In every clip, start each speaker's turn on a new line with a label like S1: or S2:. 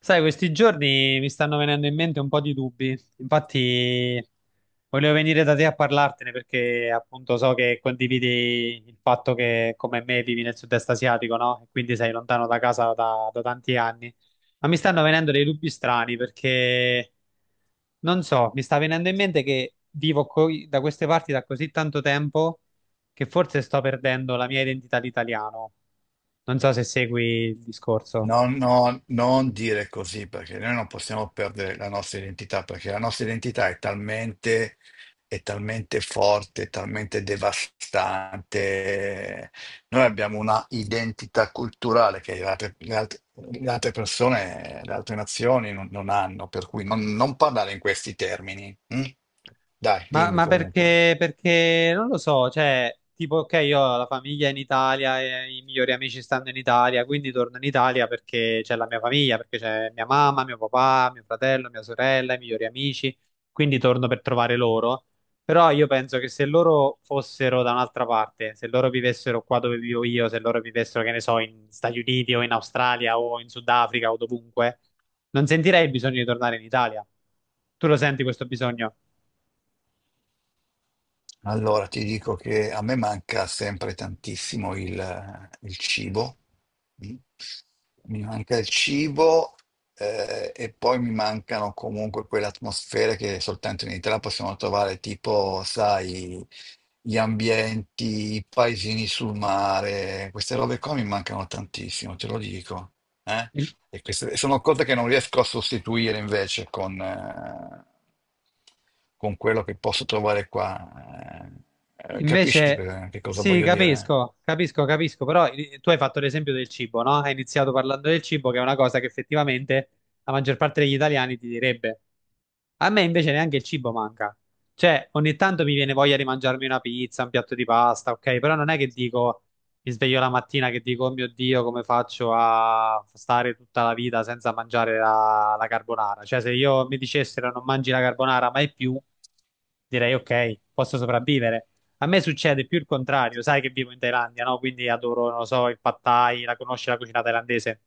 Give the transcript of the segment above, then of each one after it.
S1: Sai, questi giorni mi stanno venendo in mente un po' di dubbi. Infatti, volevo venire da te a parlartene perché appunto so che condividi il fatto che come me vivi nel sud-est asiatico, no? E quindi sei lontano da casa da tanti anni. Ma mi stanno venendo dei dubbi strani perché non so, mi sta venendo in mente che da queste parti da così tanto tempo che forse sto perdendo la mia identità di italiano. Non so se segui il discorso.
S2: No, no, non dire così perché noi non possiamo perdere la nostra identità, perché la nostra identità è talmente forte, è talmente devastante. Noi abbiamo una identità culturale che le altre persone, le altre nazioni non hanno, per cui non parlare in questi termini. Mm? Dai,
S1: Ma,
S2: dimmi
S1: ma
S2: comunque.
S1: perché, perché non lo so, cioè, tipo, ok, io ho la famiglia in Italia, e i migliori amici stanno in Italia, quindi torno in Italia perché c'è la mia famiglia, perché c'è mia mamma, mio papà, mio fratello, mia sorella, i migliori amici, quindi torno per trovare loro. Però io penso che se loro fossero da un'altra parte, se loro vivessero qua dove vivo io, se loro vivessero, che ne so, in Stati Uniti o in Australia o in Sudafrica o dovunque, non sentirei il bisogno di tornare in Italia. Tu lo senti questo bisogno?
S2: Allora, ti dico che a me manca sempre tantissimo il cibo. Mm. Mi manca il cibo, e poi mi mancano comunque quelle atmosfere che soltanto in Italia possiamo trovare, tipo, sai, gli ambienti, i paesini sul mare, queste robe qua mi mancano tantissimo, te lo dico. eh. E queste sono cose che non riesco a sostituire invece con quello che posso trovare qua. Eh, eh, capisci
S1: Invece,
S2: che, che cosa
S1: sì,
S2: voglio dire?
S1: capisco, capisco, capisco, però tu hai fatto l'esempio del cibo, no? Hai iniziato parlando del cibo, che è una cosa che effettivamente la maggior parte degli italiani ti direbbe. A me invece neanche il cibo manca. Cioè, ogni tanto mi viene voglia di mangiarmi una pizza, un piatto di pasta, ok? Però non è che dico, mi sveglio la mattina che dico, oh mio Dio, come faccio a stare tutta la vita senza mangiare la carbonara? Cioè, se io mi dicessero non mangi la carbonara mai più direi ok, posso sopravvivere. A me succede più il contrario, sai che vivo in Thailandia, no? Quindi adoro, non lo so, il pad thai, la conosci la cucina thailandese?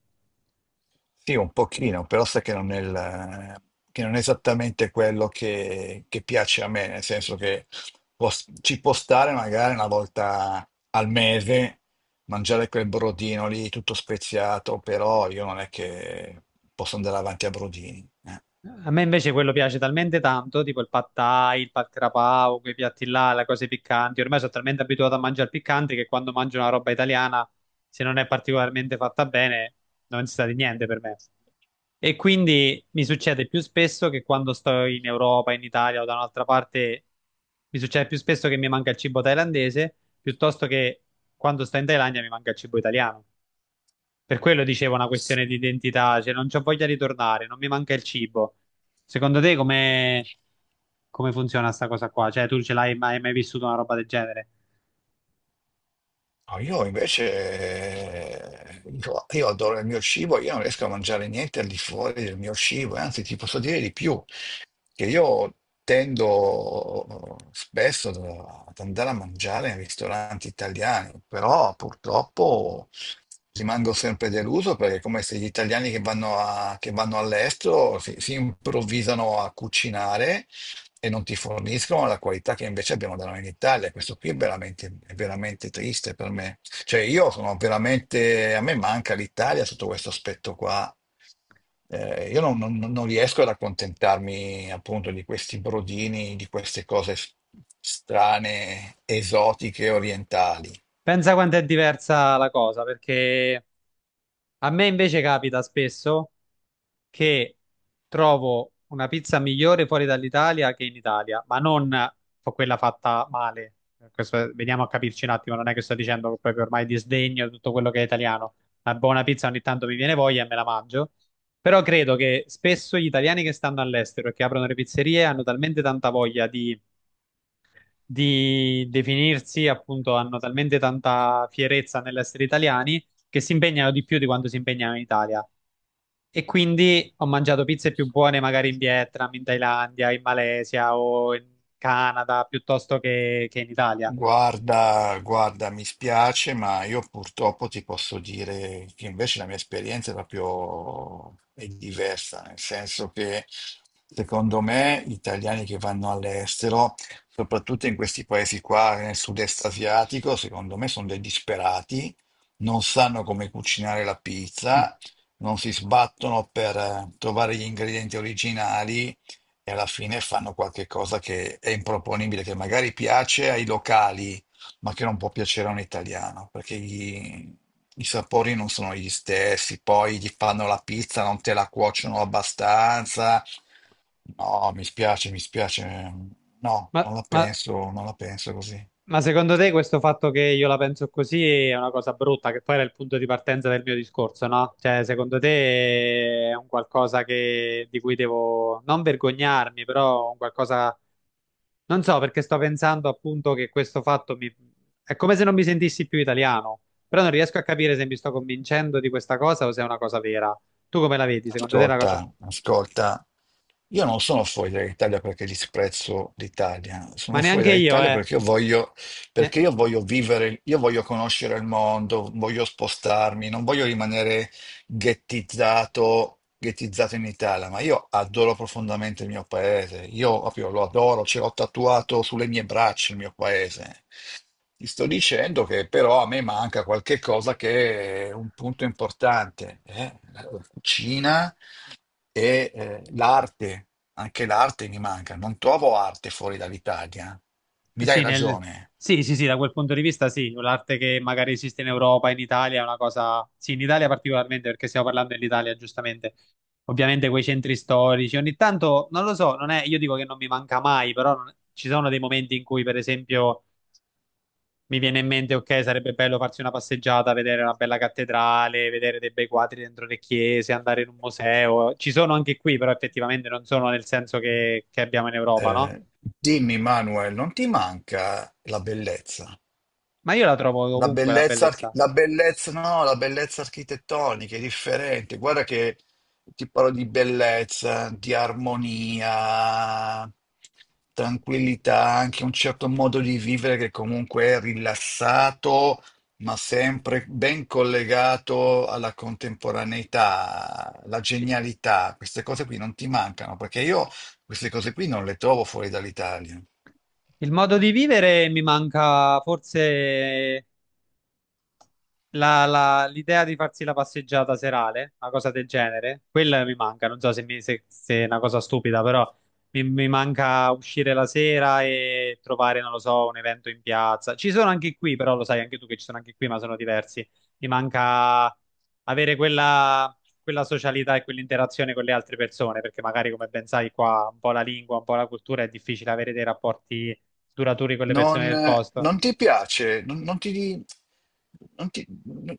S2: Sì, un pochino, però sai che non è, il- che non è esattamente quello che piace a me, nel senso che può- ci può stare magari una volta al mese mangiare quel brodino lì tutto speziato, però io non è che posso andare avanti a brodini.
S1: A me invece quello piace talmente tanto, tipo il pad thai, il pad krapao, quei piatti là, le cose piccanti. Ormai sono talmente abituato a mangiare piccante che quando mangio una roba italiana, se non è particolarmente fatta bene, non si sa di niente per me. E quindi mi succede più spesso che quando sto in Europa, in Italia o da un'altra parte, mi succede più spesso che mi manca il cibo thailandese piuttosto che quando sto in Thailandia mi manca il cibo italiano. Per quello dicevo una questione di identità, cioè non c'ho voglia di tornare, non mi manca il cibo. Secondo te come, come funziona sta cosa qua? Cioè tu ce l'hai mai, mai vissuto una roba del genere?
S2: No, io invece, dico, io adoro il mio cibo, io non riesco a mangiare niente al di fuori del mio cibo, e anzi ti posso dire di più, che io tendo spesso ad andare a mangiare in ristoranti italiani, però purtroppo rimango sempre deluso perché è come se gli italiani che che vanno all'estero si improvvisano a cucinare e non ti forniscono la qualità che invece abbiamo da noi in Italia. Questo qui è è veramente triste per me. Cioè, io sono veramente, a me manca l'Italia sotto questo aspetto qua. Io non riesco ad accontentarmi appunto di questi brodini, di queste strane, esotiche, orientali.
S1: Pensa quanto è diversa la cosa, perché a me invece capita spesso, che trovo una pizza migliore fuori dall'Italia che in Italia, ma non fa- quella fatta male. Veniamo a capirci un attimo, non è che sto dicendo che proprio ormai disdegno tutto quello che è italiano. Una buona pizza ogni tanto mi viene voglia e me la mangio. Però credo che spesso gli italiani che stanno all'estero e che aprono le pizzerie hanno talmente tanta voglia di definirsi, appunto, hanno talmente tanta fierezza nell'essere italiani che si impegnano di più di quanto si impegnano in Italia. E quindi ho mangiato pizze più buone magari in Vietnam, in Thailandia, in Malesia o in Canada piuttosto che in Italia.
S2: Guarda, guarda, mi spiace, ma io purtroppo ti posso dire che invece la mia esperienza è proprio è diversa, nel senso che secondo me gli italiani che vanno all'estero, soprattutto in questi paesi qua, nel sud-est asiatico, secondo me sono dei disperati, non sanno come cucinare la
S1: Mm.
S2: pizza, non si sbattono per trovare gli ingredienti originali e alla fine fanno qualche cosa che è improponibile, che magari piace ai locali, ma che non può piacere a un italiano, perché i sapori non sono gli stessi, poi gli fanno la pizza, non te la cuociono abbastanza. No, mi spiace, mi spiace. No,
S1: Ma, ma-
S2: non la penso così.
S1: ma secondo te questo fatto che io la penso così è una cosa brutta, che poi era il punto di partenza del mio discorso, no? Cioè, secondo te è un qualcosa di cui devo non vergognarmi, però un qualcosa… Non so perché sto pensando appunto che questo fatto mi… è come se non mi sentissi più italiano, però non riesco a capire se mi sto convincendo di questa cosa o se è una cosa vera. Tu come la vedi? Secondo te è una cosa…
S2: Ascolta, ascolta, io non sono fuori dall'Italia perché disprezzo l'Italia,
S1: Ma
S2: sono fuori
S1: neanche io,
S2: dall'Italia
S1: eh.
S2: perché io voglio,
S1: Ne-
S2: perché io voglio vivere, io voglio conoscere il mondo, voglio spostarmi, non voglio rimanere ghettizzato in Italia, ma io adoro profondamente il mio paese, io proprio lo adoro, ce l'ho tatuato sulle mie braccia il mio paese. Ti sto dicendo che però a me manca qualche cosa che è un punto importante, eh? La cucina e l'arte, anche l'arte mi manca, non trovo arte fuori dall'Italia. Mi dai
S1: Sì,
S2: ragione.
S1: sì, sì, sì, da quel punto di vista sì, l'arte che magari esiste in Europa, in Italia è una cosa… Sì, in Italia particolarmente perché stiamo parlando dell'Italia, giustamente. Ovviamente quei centri storici, ogni tanto, non lo so, non è… io dico che non mi manca mai, però ci sono dei momenti in cui, per esempio… mi viene in mente, ok, sarebbe bello farsi una passeggiata, vedere una bella cattedrale, vedere dei bei quadri dentro le chiese, andare in un museo. Ci sono anche qui, però effettivamente non sono nel senso che abbiamo in Europa, no?
S2: Eh, dimmi, Manuel, non ti manca la bellezza?
S1: Ma io la trovo
S2: La
S1: ovunque la bellezza.
S2: bellezza, no, la bellezza architettonica è differente. Guarda che ti parlo di bellezza, di armonia, tranquillità, anche un certo modo di vivere che comunque è rilassato, ma sempre ben collegato alla contemporaneità, la genialità. Queste cose qui non ti mancano, perché io queste cose qui non le trovo fuori dall'Italia.
S1: Il modo di vivere mi manca forse l'idea di farsi la passeggiata serale, una cosa del genere, quella mi manca. Non so se, se è una cosa stupida, però mi manca uscire la sera e trovare, non lo so, un evento in piazza. Ci sono anche qui, però lo sai anche tu che ci sono anche qui, ma sono diversi. Mi manca avere quella, quella socialità e quell'interazione con le altre persone, perché magari, come ben sai, qua un po' la lingua, un po' la cultura è difficile avere dei rapporti duraturi con le persone del
S2: Non,
S1: posto.
S2: non ti piace, non, non ti, non ti-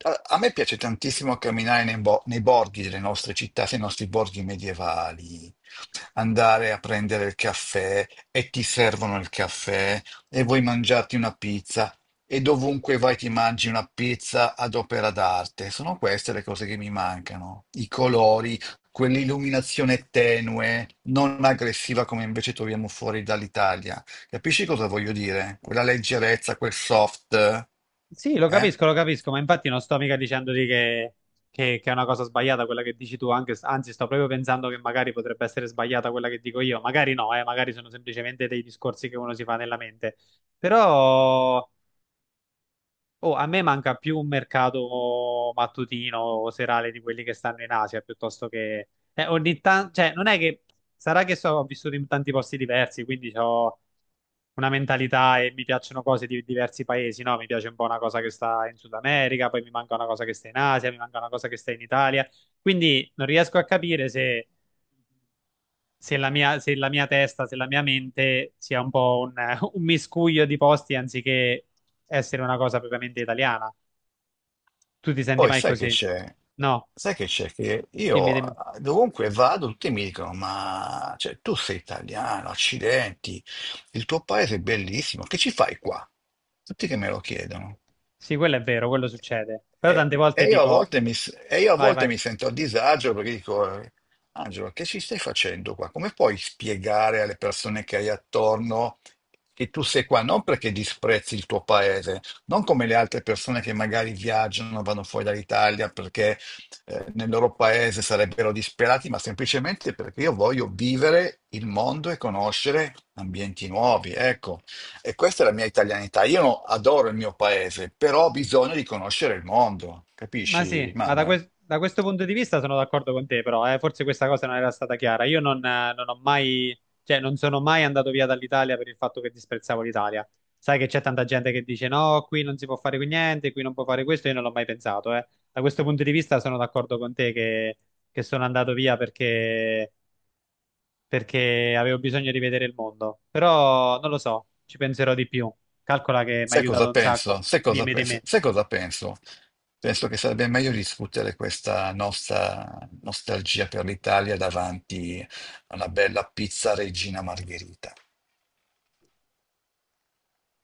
S2: a, a me piace tantissimo camminare nei borghi delle nostre città, nei nostri borghi medievali, andare a prendere il caffè e ti servono il caffè e vuoi mangiarti una pizza e dovunque vai ti mangi una pizza ad opera d'arte. Sono queste le cose che mi mancano, i colori, quell'illuminazione tenue, non aggressiva come invece troviamo fuori dall'Italia. Capisci cosa voglio dire? Quella leggerezza, quel soft.
S1: Sì,
S2: Eh?
S1: lo capisco, ma infatti non sto mica dicendoti che, che è una cosa sbagliata quella che dici tu, anzi sto proprio pensando che magari potrebbe essere sbagliata quella che dico io, magari no, magari sono semplicemente dei discorsi che uno si fa nella mente, però oh, a me manca più un mercato mattutino o serale di quelli che stanno in Asia, piuttosto che… ogni tanto, cioè non è che… Sarà che so, ho vissuto in tanti posti diversi, quindi ho una mentalità e mi piacciono cose di diversi paesi, no? Mi piace un po' una cosa che sta in Sud America, poi mi manca una cosa che sta in Asia, mi manca una cosa che sta in Italia. Quindi non riesco a capire se, se la mia, se la mia testa, se la mia mente sia un po' un, un miscuglio di posti anziché essere una cosa propriamente italiana. Tu ti senti
S2: Poi
S1: mai
S2: sai che
S1: così?
S2: c'è?
S1: No,
S2: Sai che c'è? Che
S1: dimmi, dimmi.
S2: io, dovunque vado, tutti mi dicono: ma cioè, tu sei italiano, accidenti, il tuo paese è bellissimo, che ci fai qua? Tutti che me lo chiedono.
S1: Sì, quello è vero, quello succede. Però
S2: E,
S1: tante
S2: e
S1: volte
S2: io a
S1: dico,
S2: volte mi, s- e io a
S1: vai,
S2: volte
S1: vai.
S2: mi sento a disagio perché dico, Angelo, che ci stai facendo qua? Come puoi spiegare alle persone che hai attorno che tu sei qua? Non perché disprezzi il tuo paese, non come le altre persone che magari viaggiano, vanno fuori dall'Italia perché nel loro paese sarebbero disperati, ma semplicemente perché io voglio vivere il mondo e conoscere ambienti nuovi. Ecco. E questa è la mia italianità. Io no- Adoro il mio paese, però ho bisogno di conoscere il mondo,
S1: Ma sì,
S2: capisci,
S1: ma
S2: Manuel?
S1: da questo punto di vista sono d'accordo con te, però forse questa cosa non era stata chiara. Io non, non ho mai, cioè non sono mai andato via dall'Italia per il fatto che disprezzavo l'Italia. Sai che c'è tanta gente che dice no, qui non si può fare qui niente, qui non può fare questo, io non l'ho mai pensato, eh. Da questo punto di vista sono d'accordo con te che sono andato via perché, perché avevo bisogno di vedere il mondo. Però non lo so, ci penserò di più. Calcola che mi ha
S2: Sai
S1: aiutato
S2: cosa
S1: un
S2: penso?
S1: sacco.
S2: Sai cosa
S1: Dimmi di
S2: penso?
S1: me.
S2: Sai cosa penso? Penso che sarebbe meglio discutere questa nostra nostalgia per l'Italia davanti a una bella pizza Regina Margherita.